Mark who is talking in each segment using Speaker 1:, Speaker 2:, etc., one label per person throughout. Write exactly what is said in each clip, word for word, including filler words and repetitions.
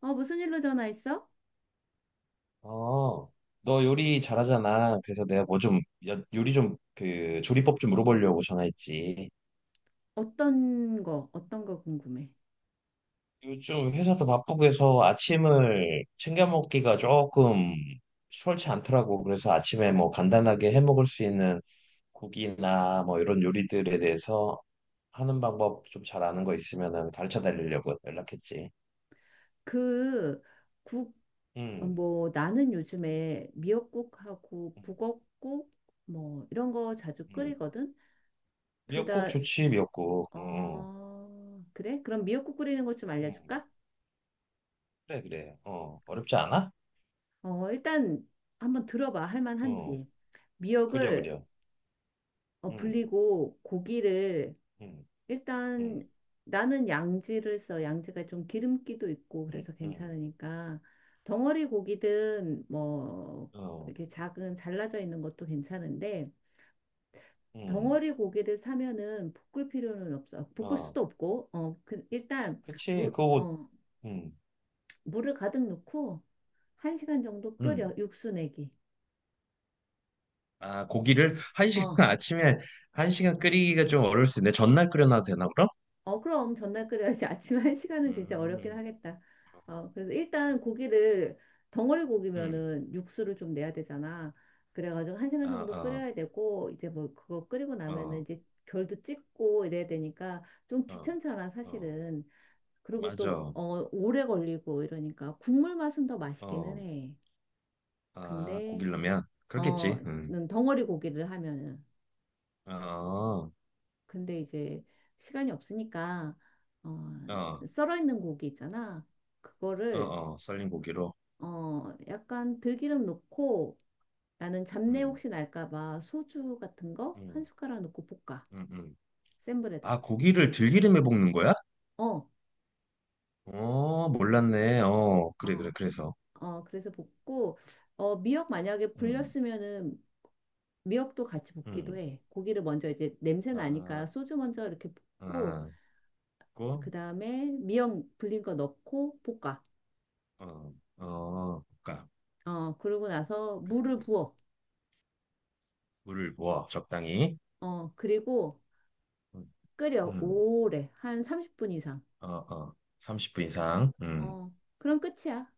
Speaker 1: 어, 무슨 일로 전화했어?
Speaker 2: 어, 너 요리 잘하잖아. 그래서 내가 뭐 좀, 여- 요리 좀, 그, 조리법 좀 물어보려고 전화했지.
Speaker 1: 어떤 거, 어떤 거 궁금해.
Speaker 2: 요즘 회사도 바쁘고 해서 아침을 챙겨 먹기가 조금 수월치 않더라고. 그래서 아침에 뭐 간단하게 해 먹을 수 있는 국이나 뭐 이런 요리들에 대해서 하는 방법 좀 잘 아는 거 있으면은 가르쳐 달리려고 연락했지.
Speaker 1: 그, 국, 어,
Speaker 2: 음.
Speaker 1: 뭐, 나는 요즘에 미역국하고
Speaker 2: 음.
Speaker 1: 북엇국, 뭐, 이런 거 자주
Speaker 2: 음.
Speaker 1: 끓이거든? 둘
Speaker 2: 미역국
Speaker 1: 다,
Speaker 2: 좋지, 미역국. 응, 응.
Speaker 1: 어, 그래? 그럼 미역국 끓이는 것 좀
Speaker 2: 응.
Speaker 1: 알려줄까?
Speaker 2: 그래, 그래. 어, 어렵지 않아?
Speaker 1: 어, 일단 한번 들어봐. 할
Speaker 2: 어,
Speaker 1: 만한지.
Speaker 2: 그려,
Speaker 1: 미역을
Speaker 2: 그려.
Speaker 1: 어,
Speaker 2: 음.
Speaker 1: 불리고 고기를
Speaker 2: 음.
Speaker 1: 일단
Speaker 2: 음.
Speaker 1: 나는 양지를 써. 양지가 좀 기름기도 있고
Speaker 2: 음.
Speaker 1: 그래서
Speaker 2: 음.
Speaker 1: 괜찮으니까 덩어리 고기든 뭐
Speaker 2: 어.
Speaker 1: 이렇게 작은 잘라져 있는 것도 괜찮은데
Speaker 2: 음.
Speaker 1: 덩어리 고기를 사면은 볶을 필요는 없어. 볶을
Speaker 2: 어,
Speaker 1: 수도 없고 어 그, 일단
Speaker 2: 그치,
Speaker 1: 물
Speaker 2: 그거.
Speaker 1: 어
Speaker 2: 음.
Speaker 1: 물을 가득 넣고 한 시간 정도 끓여
Speaker 2: 음.
Speaker 1: 육수 내기.
Speaker 2: 아, 고기를 한
Speaker 1: 어.
Speaker 2: 시간 아침에 한 시간 끓이기가 좀 어려울 수 있는데 전날 끓여놔도 되나 그럼?
Speaker 1: 어, 그럼 전날 끓여야지. 아침 한 시간은 진짜 어렵긴
Speaker 2: 음.
Speaker 1: 하겠다. 어, 그래서 일단 고기를 덩어리
Speaker 2: 음.
Speaker 1: 고기면은 육수를 좀 내야 되잖아. 그래가지고 한
Speaker 2: 아,
Speaker 1: 시간 정도
Speaker 2: 아,
Speaker 1: 끓여야 되고 이제 뭐 그거 끓이고 나면은
Speaker 2: 어,
Speaker 1: 이제 결도 찍고 이래야 되니까 좀
Speaker 2: 어,
Speaker 1: 귀찮잖아,
Speaker 2: 어,
Speaker 1: 사실은. 그리고 또
Speaker 2: 맞아.
Speaker 1: 어, 오래 걸리고 이러니까 국물 맛은 더 맛있기는
Speaker 2: 어,
Speaker 1: 해.
Speaker 2: 아,
Speaker 1: 근데
Speaker 2: 고기라면
Speaker 1: 어,
Speaker 2: 그렇겠지. 음.
Speaker 1: 는 덩어리 고기를 하면은
Speaker 2: 어, 어,
Speaker 1: 근데 이제 시간이 없으니까 어,
Speaker 2: 어,
Speaker 1: 썰어 있는 고기 있잖아. 그거를
Speaker 2: 어, 썰린 고기로.
Speaker 1: 어, 약간 들기름 넣고 나는 잡내
Speaker 2: 음.
Speaker 1: 혹시 날까 봐 소주 같은 거 한
Speaker 2: 음.
Speaker 1: 숟가락 넣고 볶아.
Speaker 2: 음. 음.
Speaker 1: 센
Speaker 2: 아,
Speaker 1: 불에다.
Speaker 2: 고기를 들기름에 볶는 거야?
Speaker 1: 어,
Speaker 2: 어, 몰랐네. 어, 그래, 그래,
Speaker 1: 어,
Speaker 2: 그래서.
Speaker 1: 어. 그래서 볶고 어, 미역 만약에
Speaker 2: 음.
Speaker 1: 불렸으면은 미역도 같이 볶기도
Speaker 2: 음.
Speaker 1: 해. 고기를 먼저 이제 냄새
Speaker 2: 아,
Speaker 1: 나니까 소주 먼저 이렇게 볶고
Speaker 2: 아, 고,
Speaker 1: 그다음에 미역 불린 거 넣고 볶아.
Speaker 2: 어, 어, 그까
Speaker 1: 어, 그러고 나서
Speaker 2: 그, 그,
Speaker 1: 물을
Speaker 2: 그.
Speaker 1: 부어.
Speaker 2: 물을 부어, 적당히.
Speaker 1: 어, 그리고
Speaker 2: 음.
Speaker 1: 끓여
Speaker 2: 음.
Speaker 1: 오래 한 삼십 분 이상.
Speaker 2: 어, 어, 삼십 분 이상. 음.
Speaker 1: 어, 그럼 끝이야.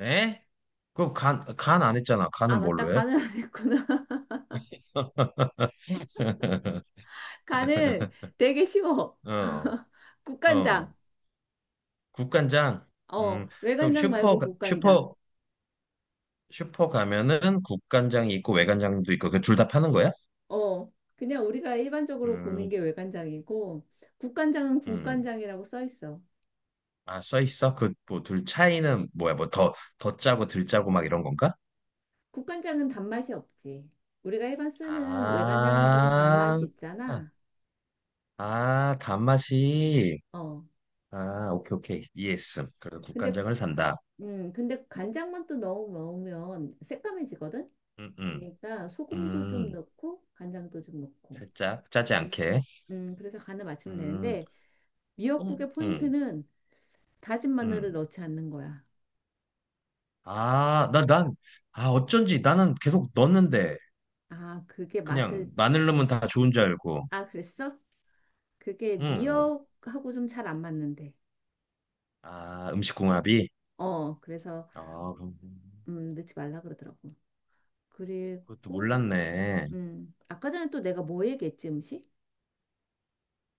Speaker 2: 에? 그럼 간, 간 안 했잖아.
Speaker 1: 아,
Speaker 2: 간은
Speaker 1: 맞다.
Speaker 2: 뭘로 해?
Speaker 1: 간을 안 했구나. 간은 되게 쉬워.
Speaker 2: 어,
Speaker 1: 국간장.
Speaker 2: 어. 국간장.
Speaker 1: 어,
Speaker 2: 음. 그럼
Speaker 1: 외간장
Speaker 2: 슈퍼,
Speaker 1: 말고
Speaker 2: 가-
Speaker 1: 국간장.
Speaker 2: 슈퍼, 슈퍼 가면은 국간장이 있고 외간장도 있고, 그 둘 다 파는 거야?
Speaker 1: 어, 그냥 우리가 일반적으로 보는
Speaker 2: 음.
Speaker 1: 게 외간장이고 국간장은
Speaker 2: 음.
Speaker 1: 국간장이라고 써 있어.
Speaker 2: 아, 써 있어? 그, 뭐, 둘 차이는 뭐야? 뭐, 더, 더 짜고 덜 짜고 막 이런 건가?
Speaker 1: 국간장은 단맛이 없지. 우리가 일반 쓰는 외간장은 좀
Speaker 2: 아,
Speaker 1: 단맛이 있잖아.
Speaker 2: 아, 단맛이.
Speaker 1: 어,
Speaker 2: 아, 오케이, 오케이. 이해했음. 그래서
Speaker 1: 근데
Speaker 2: 국간장을 산다.
Speaker 1: 음, 근데 간장만 또 넣어 먹으면 새까매지거든.
Speaker 2: 음. 음.
Speaker 1: 그러니까 소금도 좀
Speaker 2: 음.
Speaker 1: 넣고 간장도 좀 넣고.
Speaker 2: 살짝 짜지
Speaker 1: 음.
Speaker 2: 않게.
Speaker 1: 음, 그래서 간을 맞추면
Speaker 2: 음.
Speaker 1: 되는데
Speaker 2: 음.
Speaker 1: 미역국의
Speaker 2: 음.
Speaker 1: 포인트는 다진 마늘을
Speaker 2: 음.
Speaker 1: 넣지 않는 거야.
Speaker 2: 아, 나, 난, 아, 어쩐지 나는 계속 넣었는데,
Speaker 1: 아, 그게 맛을
Speaker 2: 그냥 마늘 넣으면 다 좋은 줄 알고.
Speaker 1: 아, 그랬어? 그게
Speaker 2: 음. 음.
Speaker 1: 미역하고 좀 잘 안 맞는데.
Speaker 2: 아, 음식 궁합이?
Speaker 1: 어, 그래서
Speaker 2: 아, 그럼
Speaker 1: 음, 넣지 말라 그러더라고.
Speaker 2: 그것도
Speaker 1: 그리고
Speaker 2: 몰랐네.
Speaker 1: 음, 아까 전에 또 내가 뭐 얘기했지, 음식?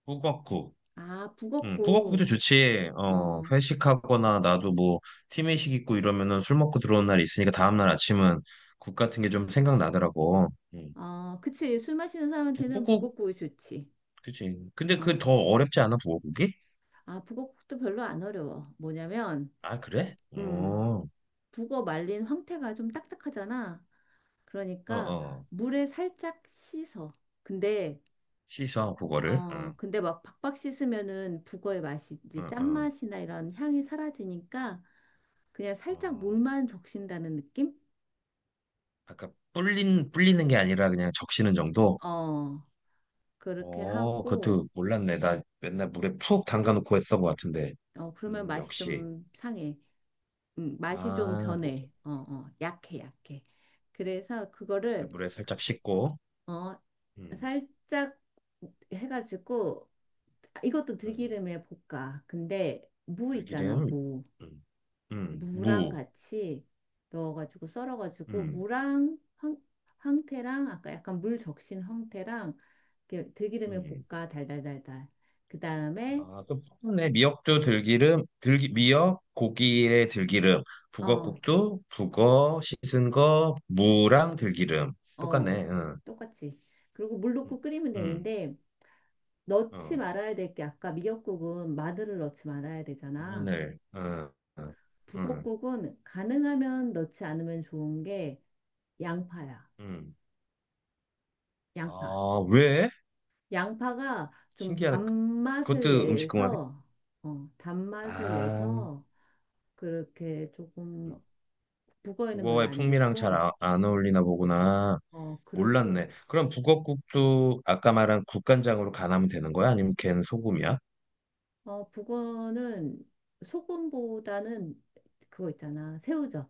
Speaker 2: 북엇국.
Speaker 1: 아,
Speaker 2: 응, 북어국도
Speaker 1: 북엇국.
Speaker 2: 좋지. 어,
Speaker 1: 어.
Speaker 2: 회식하거나 나도 뭐 팀회식 있고 이러면은 술 먹고 들어온 날이 있으니까 다음날 아침은 국 같은 게 좀 생각나더라고. 응.
Speaker 1: 어, 그치. 술 마시는 사람한테는
Speaker 2: 북어국,
Speaker 1: 북엇국이 좋지.
Speaker 2: 그치. 근데 그
Speaker 1: 어.
Speaker 2: 더 어렵지 않아, 북어국이?
Speaker 1: 아, 북어국도 별로 안 어려워. 뭐냐면,
Speaker 2: 아,
Speaker 1: 부,
Speaker 2: 그래?
Speaker 1: 음,
Speaker 2: 어,
Speaker 1: 북어 말린 황태가 좀 딱딱하잖아.
Speaker 2: 어,
Speaker 1: 그러니까
Speaker 2: 어.
Speaker 1: 물에 살짝 씻어. 근데,
Speaker 2: 씻어, 북어를.
Speaker 1: 어,
Speaker 2: 응,
Speaker 1: 근데 막 박박 씻으면은 북어의 맛이 이제
Speaker 2: 응, 응.
Speaker 1: 짠맛이나 이런 향이 사라지니까 그냥 살짝
Speaker 2: 어,
Speaker 1: 물만 적신다는 느낌?
Speaker 2: 아까 불린, 불리는 게 아니라 그냥 적시는 정도?
Speaker 1: 어, 그렇게
Speaker 2: 어,
Speaker 1: 하고,
Speaker 2: 그것도 몰랐네. 나 맨날 물에 푹 담가놓고 했던 것 같은데.
Speaker 1: 어, 그러면
Speaker 2: 음,
Speaker 1: 맛이
Speaker 2: 역시.
Speaker 1: 좀 상해. 음, 맛이 좀
Speaker 2: 아,
Speaker 1: 변해.
Speaker 2: 오케이.
Speaker 1: 어, 어, 약해, 약해. 그래서 그거를
Speaker 2: 물에 살짝 씻고.
Speaker 1: 어,
Speaker 2: 음.
Speaker 1: 살짝 해가지고 아, 이것도
Speaker 2: 음.
Speaker 1: 들기름에 볶아. 근데 무 있잖아,
Speaker 2: 들기름.
Speaker 1: 무.
Speaker 2: 음. 음.
Speaker 1: 무랑
Speaker 2: 무.
Speaker 1: 같이 넣어가지고 썰어가지고
Speaker 2: 음.
Speaker 1: 무랑 황, 황태랑 아까 약간 물 적신 황태랑 이렇게 들기름에
Speaker 2: 음.
Speaker 1: 볶아 달달달달. 그 다음에
Speaker 2: 아, 또 푸네. 미역도 들기름, 들기, 미역, 고기에 들기름,
Speaker 1: 어,
Speaker 2: 북어국도 북어 씻은 거 무랑 들기름.
Speaker 1: 어,
Speaker 2: 똑같네. 응,
Speaker 1: 똑같이. 그리고 물
Speaker 2: 응,
Speaker 1: 넣고 끓이면
Speaker 2: 응.
Speaker 1: 되는데 넣지
Speaker 2: 어,
Speaker 1: 말아야 될게 아까 미역국은 마늘을 넣지 말아야 되잖아.
Speaker 2: 마늘, 응, 응, 응.
Speaker 1: 북엇국은 가능하면 넣지 않으면 좋은 게 양파야.
Speaker 2: 응.
Speaker 1: 양파.
Speaker 2: 아, 왜?
Speaker 1: 양파가 좀
Speaker 2: 신기하네.
Speaker 1: 단맛을
Speaker 2: 그것도 음식 궁합이?
Speaker 1: 내서, 어, 단맛을
Speaker 2: 아,
Speaker 1: 내서 그렇게 조금 북어에는 별로
Speaker 2: 북어의
Speaker 1: 안
Speaker 2: 풍미랑 잘
Speaker 1: 좋고,
Speaker 2: 아, 안 어울리나 보구나.
Speaker 1: 어, 그리고,
Speaker 2: 몰랐네. 그럼 북엇국도 아까 말한 국간장으로 간하면 되는 거야? 아니면 걘 소금이야?
Speaker 1: 어, 북어는 소금보다는 그거 있잖아. 새우젓.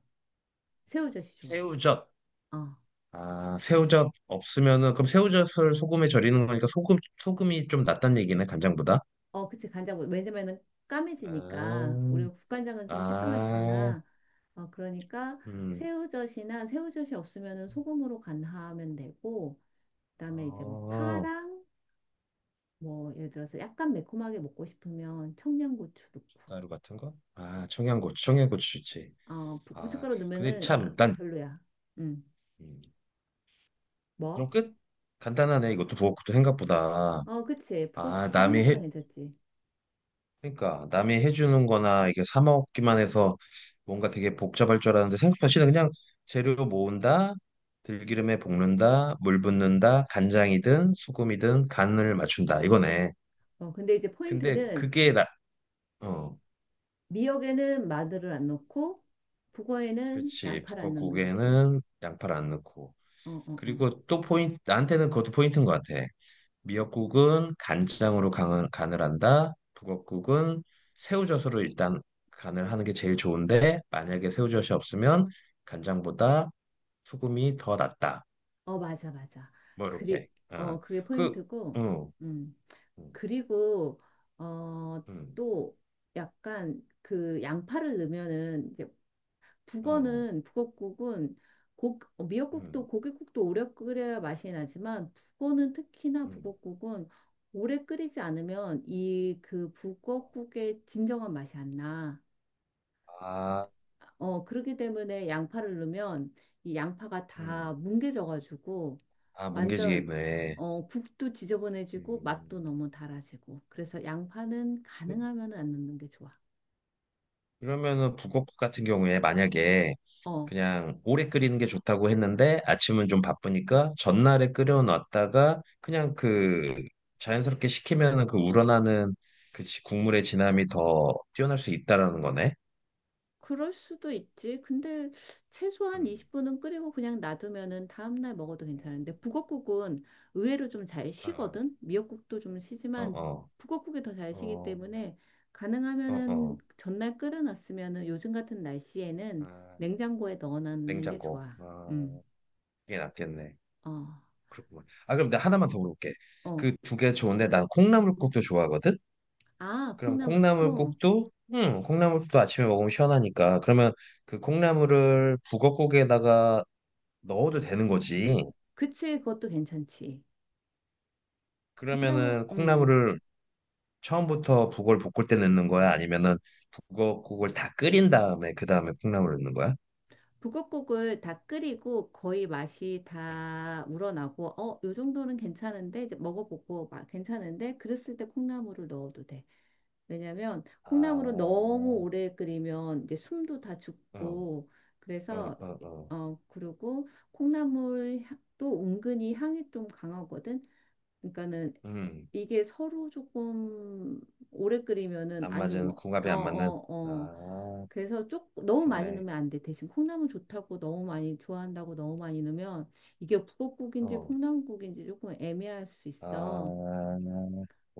Speaker 1: 새우젓이 좋아.
Speaker 2: 새우젓.
Speaker 1: 어,
Speaker 2: 아, 새우젓 없으면은 그럼 새우젓을 소금에 절이는 거니까 소금 소금이 좀 낫단 얘기네, 간장보다.
Speaker 1: 어, 그치, 간장. 뭐- 왜냐면은 까매지니까.
Speaker 2: 아,
Speaker 1: 우리가 국간장은 좀
Speaker 2: 아,
Speaker 1: 새까맣잖아. 어, 그러니까
Speaker 2: 음,
Speaker 1: 새우젓이나 새우젓이 없으면은 소금으로 간하면 되고, 그다음에 이제 뭐
Speaker 2: 어,
Speaker 1: 파랑, 뭐 예를 들어서 약간 매콤하게 먹고 싶으면 청양고추 넣고,
Speaker 2: 가루 같은 거? 아, 청양고추, 청양고추지.
Speaker 1: 어, 부-
Speaker 2: 아,
Speaker 1: 고춧가루
Speaker 2: 근데
Speaker 1: 넣으면은 아,
Speaker 2: 참, 난,
Speaker 1: 별로야. 음
Speaker 2: 음,
Speaker 1: 뭐?
Speaker 2: 그럼 끝? 간단하네, 이것도 부엌국도 생각보다.
Speaker 1: 어, 그치.
Speaker 2: 아,
Speaker 1: 북엇국도
Speaker 2: 남이
Speaker 1: 생각보다
Speaker 2: 해,
Speaker 1: 괜찮지.
Speaker 2: 그러니까 남이 해주는 거나 이게 사 먹기만 해서 뭔가 되게 복잡할 줄 알았는데 생각보다 쉬 그냥 재료 모은다, 들기름에 볶는다, 물 붓는다, 간장이든 수금이든 간을 맞춘다 이거네.
Speaker 1: 어, 근데 이제
Speaker 2: 근데
Speaker 1: 포인트는
Speaker 2: 그게 나, 어,
Speaker 1: 미역에는 마늘을 안 넣고, 북어에는
Speaker 2: 그렇지.
Speaker 1: 양파를 안 넣는 거지.
Speaker 2: 북엇국에는 양파를 안 넣고.
Speaker 1: 어, 어, 어.
Speaker 2: 그리고 또 포인트, 나한테는 그것도 포인트인 것 같아. 미역국은 간장으로 간, 간을 한다. 북엇국은 새우젓으로 일단 간을 하는 게 제일 좋은데 만약에 새우젓이 없으면 간장보다 소금이 더 낫다.
Speaker 1: 어, 맞아, 맞아.
Speaker 2: 뭐
Speaker 1: 그리,
Speaker 2: 이렇게. 어.
Speaker 1: 어, 그게
Speaker 2: 그,
Speaker 1: 포인트고,
Speaker 2: 응,
Speaker 1: 음.
Speaker 2: 응,
Speaker 1: 그리고, 어,
Speaker 2: 응,
Speaker 1: 또 약간 그 양파를 넣으면은 이제
Speaker 2: 어,
Speaker 1: 북어는, 북어국은 고, 어,
Speaker 2: 응,
Speaker 1: 미역국도 고깃국도 오래 끓여야 맛이 나지만 북어는 특히나
Speaker 2: 응.
Speaker 1: 북어국은 오래 끓이지 않으면 이 그 북어국의 진정한 맛이 안 나.
Speaker 2: 아,
Speaker 1: 어, 그렇기 때문에 양파를 넣으면 이 양파가
Speaker 2: 음,
Speaker 1: 다 뭉개져가지고
Speaker 2: 아, 뭉개지게
Speaker 1: 완전
Speaker 2: 입네.
Speaker 1: 어, 국도 지저분해지고 맛도
Speaker 2: 음.
Speaker 1: 너무 달아지고 그래서 양파는 가능하면 안 넣는 게 좋아.
Speaker 2: 그러면은 북엇 같은 경우에 만약에
Speaker 1: 어,
Speaker 2: 그냥 오래 끓이는 게 좋다고 했는데 아침은 좀 바쁘니까 전날에 끓여놨다가 그냥 그 자연스럽게 식히면은 그 우러나는 그 지- 국물의 진함이 더 뛰어날 수 있다라는 거네.
Speaker 1: 그럴 수도 있지. 근데 최소한
Speaker 2: 음.
Speaker 1: 이십 분은 끓이고 그냥 놔두면은 다음날 먹어도 괜찮은데 북엇국은 의외로 좀 잘
Speaker 2: 어,
Speaker 1: 쉬거든. 미역국도 좀
Speaker 2: 어,
Speaker 1: 쉬지만
Speaker 2: 어,
Speaker 1: 북엇국이 더 잘 쉬기
Speaker 2: 어,
Speaker 1: 때문에
Speaker 2: 어, 어.
Speaker 1: 가능하면은
Speaker 2: 어.
Speaker 1: 전날 끓여놨으면은 요즘 같은 날씨에는
Speaker 2: 아,
Speaker 1: 냉장고에 넣어놓는 게
Speaker 2: 냉장고.
Speaker 1: 좋아. 음,
Speaker 2: 아, 이게 낫겠네.
Speaker 1: 어,
Speaker 2: 그렇구만. 아, 그럼 내가 하나만 더 물어볼게.
Speaker 1: 어.
Speaker 2: 그 두 개 좋은데 난 콩나물국도 좋아하거든?
Speaker 1: 아,
Speaker 2: 그럼
Speaker 1: 콩나물국.
Speaker 2: 콩나물국도 음 콩나물국도 아침에 먹으면 시원하니까 그러면 그 콩나물을 북어국에다가 넣어도 되는 거지.
Speaker 1: 그치, 그것도 괜찮지. 콩나물,
Speaker 2: 그러면은
Speaker 1: 음.
Speaker 2: 콩나물을 처음부터 북어를 볶을 때 넣는 거야? 아니면은 북어국을 다 끓인 다음에 그 다음에 콩나물을 넣는 거야?
Speaker 1: 북엇국을 다 끓이고 거의 맛이
Speaker 2: 음.
Speaker 1: 다 우러나고, 어, 요 정도는 괜찮은데, 이제 먹어보고, 막 괜찮은데, 그랬을 때 콩나물을 넣어도 돼. 왜냐면,
Speaker 2: 아,
Speaker 1: 콩나물은 너무
Speaker 2: 어,
Speaker 1: 오래 끓이면 이제 숨도 다
Speaker 2: 어,
Speaker 1: 죽고,
Speaker 2: 어,
Speaker 1: 그래서,
Speaker 2: 어.
Speaker 1: 어, 그리고 콩나물 향도 은근히 향이 좀 강하거든. 그러니까는
Speaker 2: 음,
Speaker 1: 이게 서로 조금 오래 끓이면은
Speaker 2: 안
Speaker 1: 안 좋은
Speaker 2: 맞은
Speaker 1: 거. 어,
Speaker 2: 궁합이 안 맞는.
Speaker 1: 어, 어.
Speaker 2: 아,
Speaker 1: 그래서 조금 너무 많이
Speaker 2: 그러네.
Speaker 1: 넣으면 안 돼. 대신 콩나물 좋다고 너무 많이 좋아한다고 너무 많이 넣으면 이게 북엇국인지
Speaker 2: 어,
Speaker 1: 콩나물국인지 조금 애매할 수 있어.
Speaker 2: 아,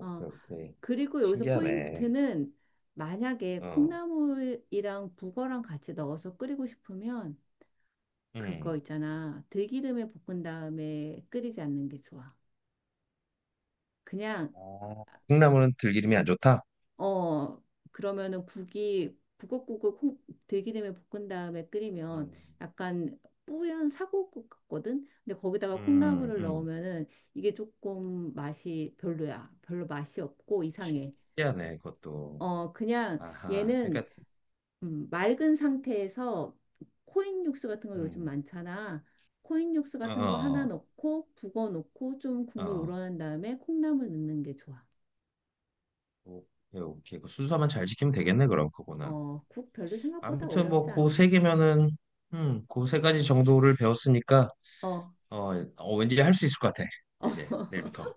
Speaker 1: 어.
Speaker 2: 오케이.
Speaker 1: 그리고 여기서
Speaker 2: 신기하네.
Speaker 1: 포인트는 만약에
Speaker 2: 어,
Speaker 1: 콩나물이랑 북어랑 같이 넣어서 끓이고 싶으면 그거
Speaker 2: 음.
Speaker 1: 있잖아. 들기름에 볶은 다음에 끓이지 않는 게 좋아. 그냥
Speaker 2: 아, 콩나물은 들기름이 안 좋다.
Speaker 1: 어, 그러면은 국이 북엇국을 콩- 들기름에 볶은 다음에 끓이면
Speaker 2: 음.
Speaker 1: 약간 뿌연 사골국 같거든? 근데 거기다가
Speaker 2: 음.
Speaker 1: 콩나물을
Speaker 2: 음.
Speaker 1: 넣으면은 이게 조금 맛이 별로야. 별로 맛이 없고 이상해.
Speaker 2: 신기하네, 그것도.
Speaker 1: 어, 그냥
Speaker 2: 아하, 그러니까,
Speaker 1: 얘는 음, 맑은 상태에서 코인 육수 같은 거 요즘
Speaker 2: 음,
Speaker 1: 많잖아. 코인 육수
Speaker 2: 어,
Speaker 1: 같은 거 하나
Speaker 2: 어,
Speaker 1: 넣고 북어 넣고 좀
Speaker 2: 어,
Speaker 1: 국물
Speaker 2: 어.
Speaker 1: 우러난 다음에 콩나물 넣는 게 좋아.
Speaker 2: 오케이, 오케이. 그 순서만 잘 지키면 되겠네, 그럼 그거는.
Speaker 1: 어, 국 별로 생각보다
Speaker 2: 아무튼
Speaker 1: 어렵지
Speaker 2: 뭐, 그
Speaker 1: 않아.
Speaker 2: 세 개면은, 음, 그 세 가지 정도를 배웠으니까,
Speaker 1: 어.
Speaker 2: 어, 어 왠지 할 수 있을 것 같아.
Speaker 1: 어,
Speaker 2: 이제 내일부터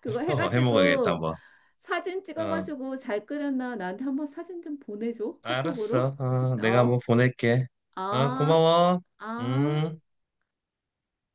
Speaker 1: 그거
Speaker 2: 어, 해먹어야겠다,
Speaker 1: 해가지고
Speaker 2: 한번.
Speaker 1: 사진
Speaker 2: 어,
Speaker 1: 찍어가지고 잘 끓였나 나한테 한번 사진 좀 보내줘 카톡으로.
Speaker 2: 알았어. 어, 내가 한번
Speaker 1: 어,
Speaker 2: 보낼게. 어,
Speaker 1: 아,
Speaker 2: 고마워.
Speaker 1: 아.
Speaker 2: 음.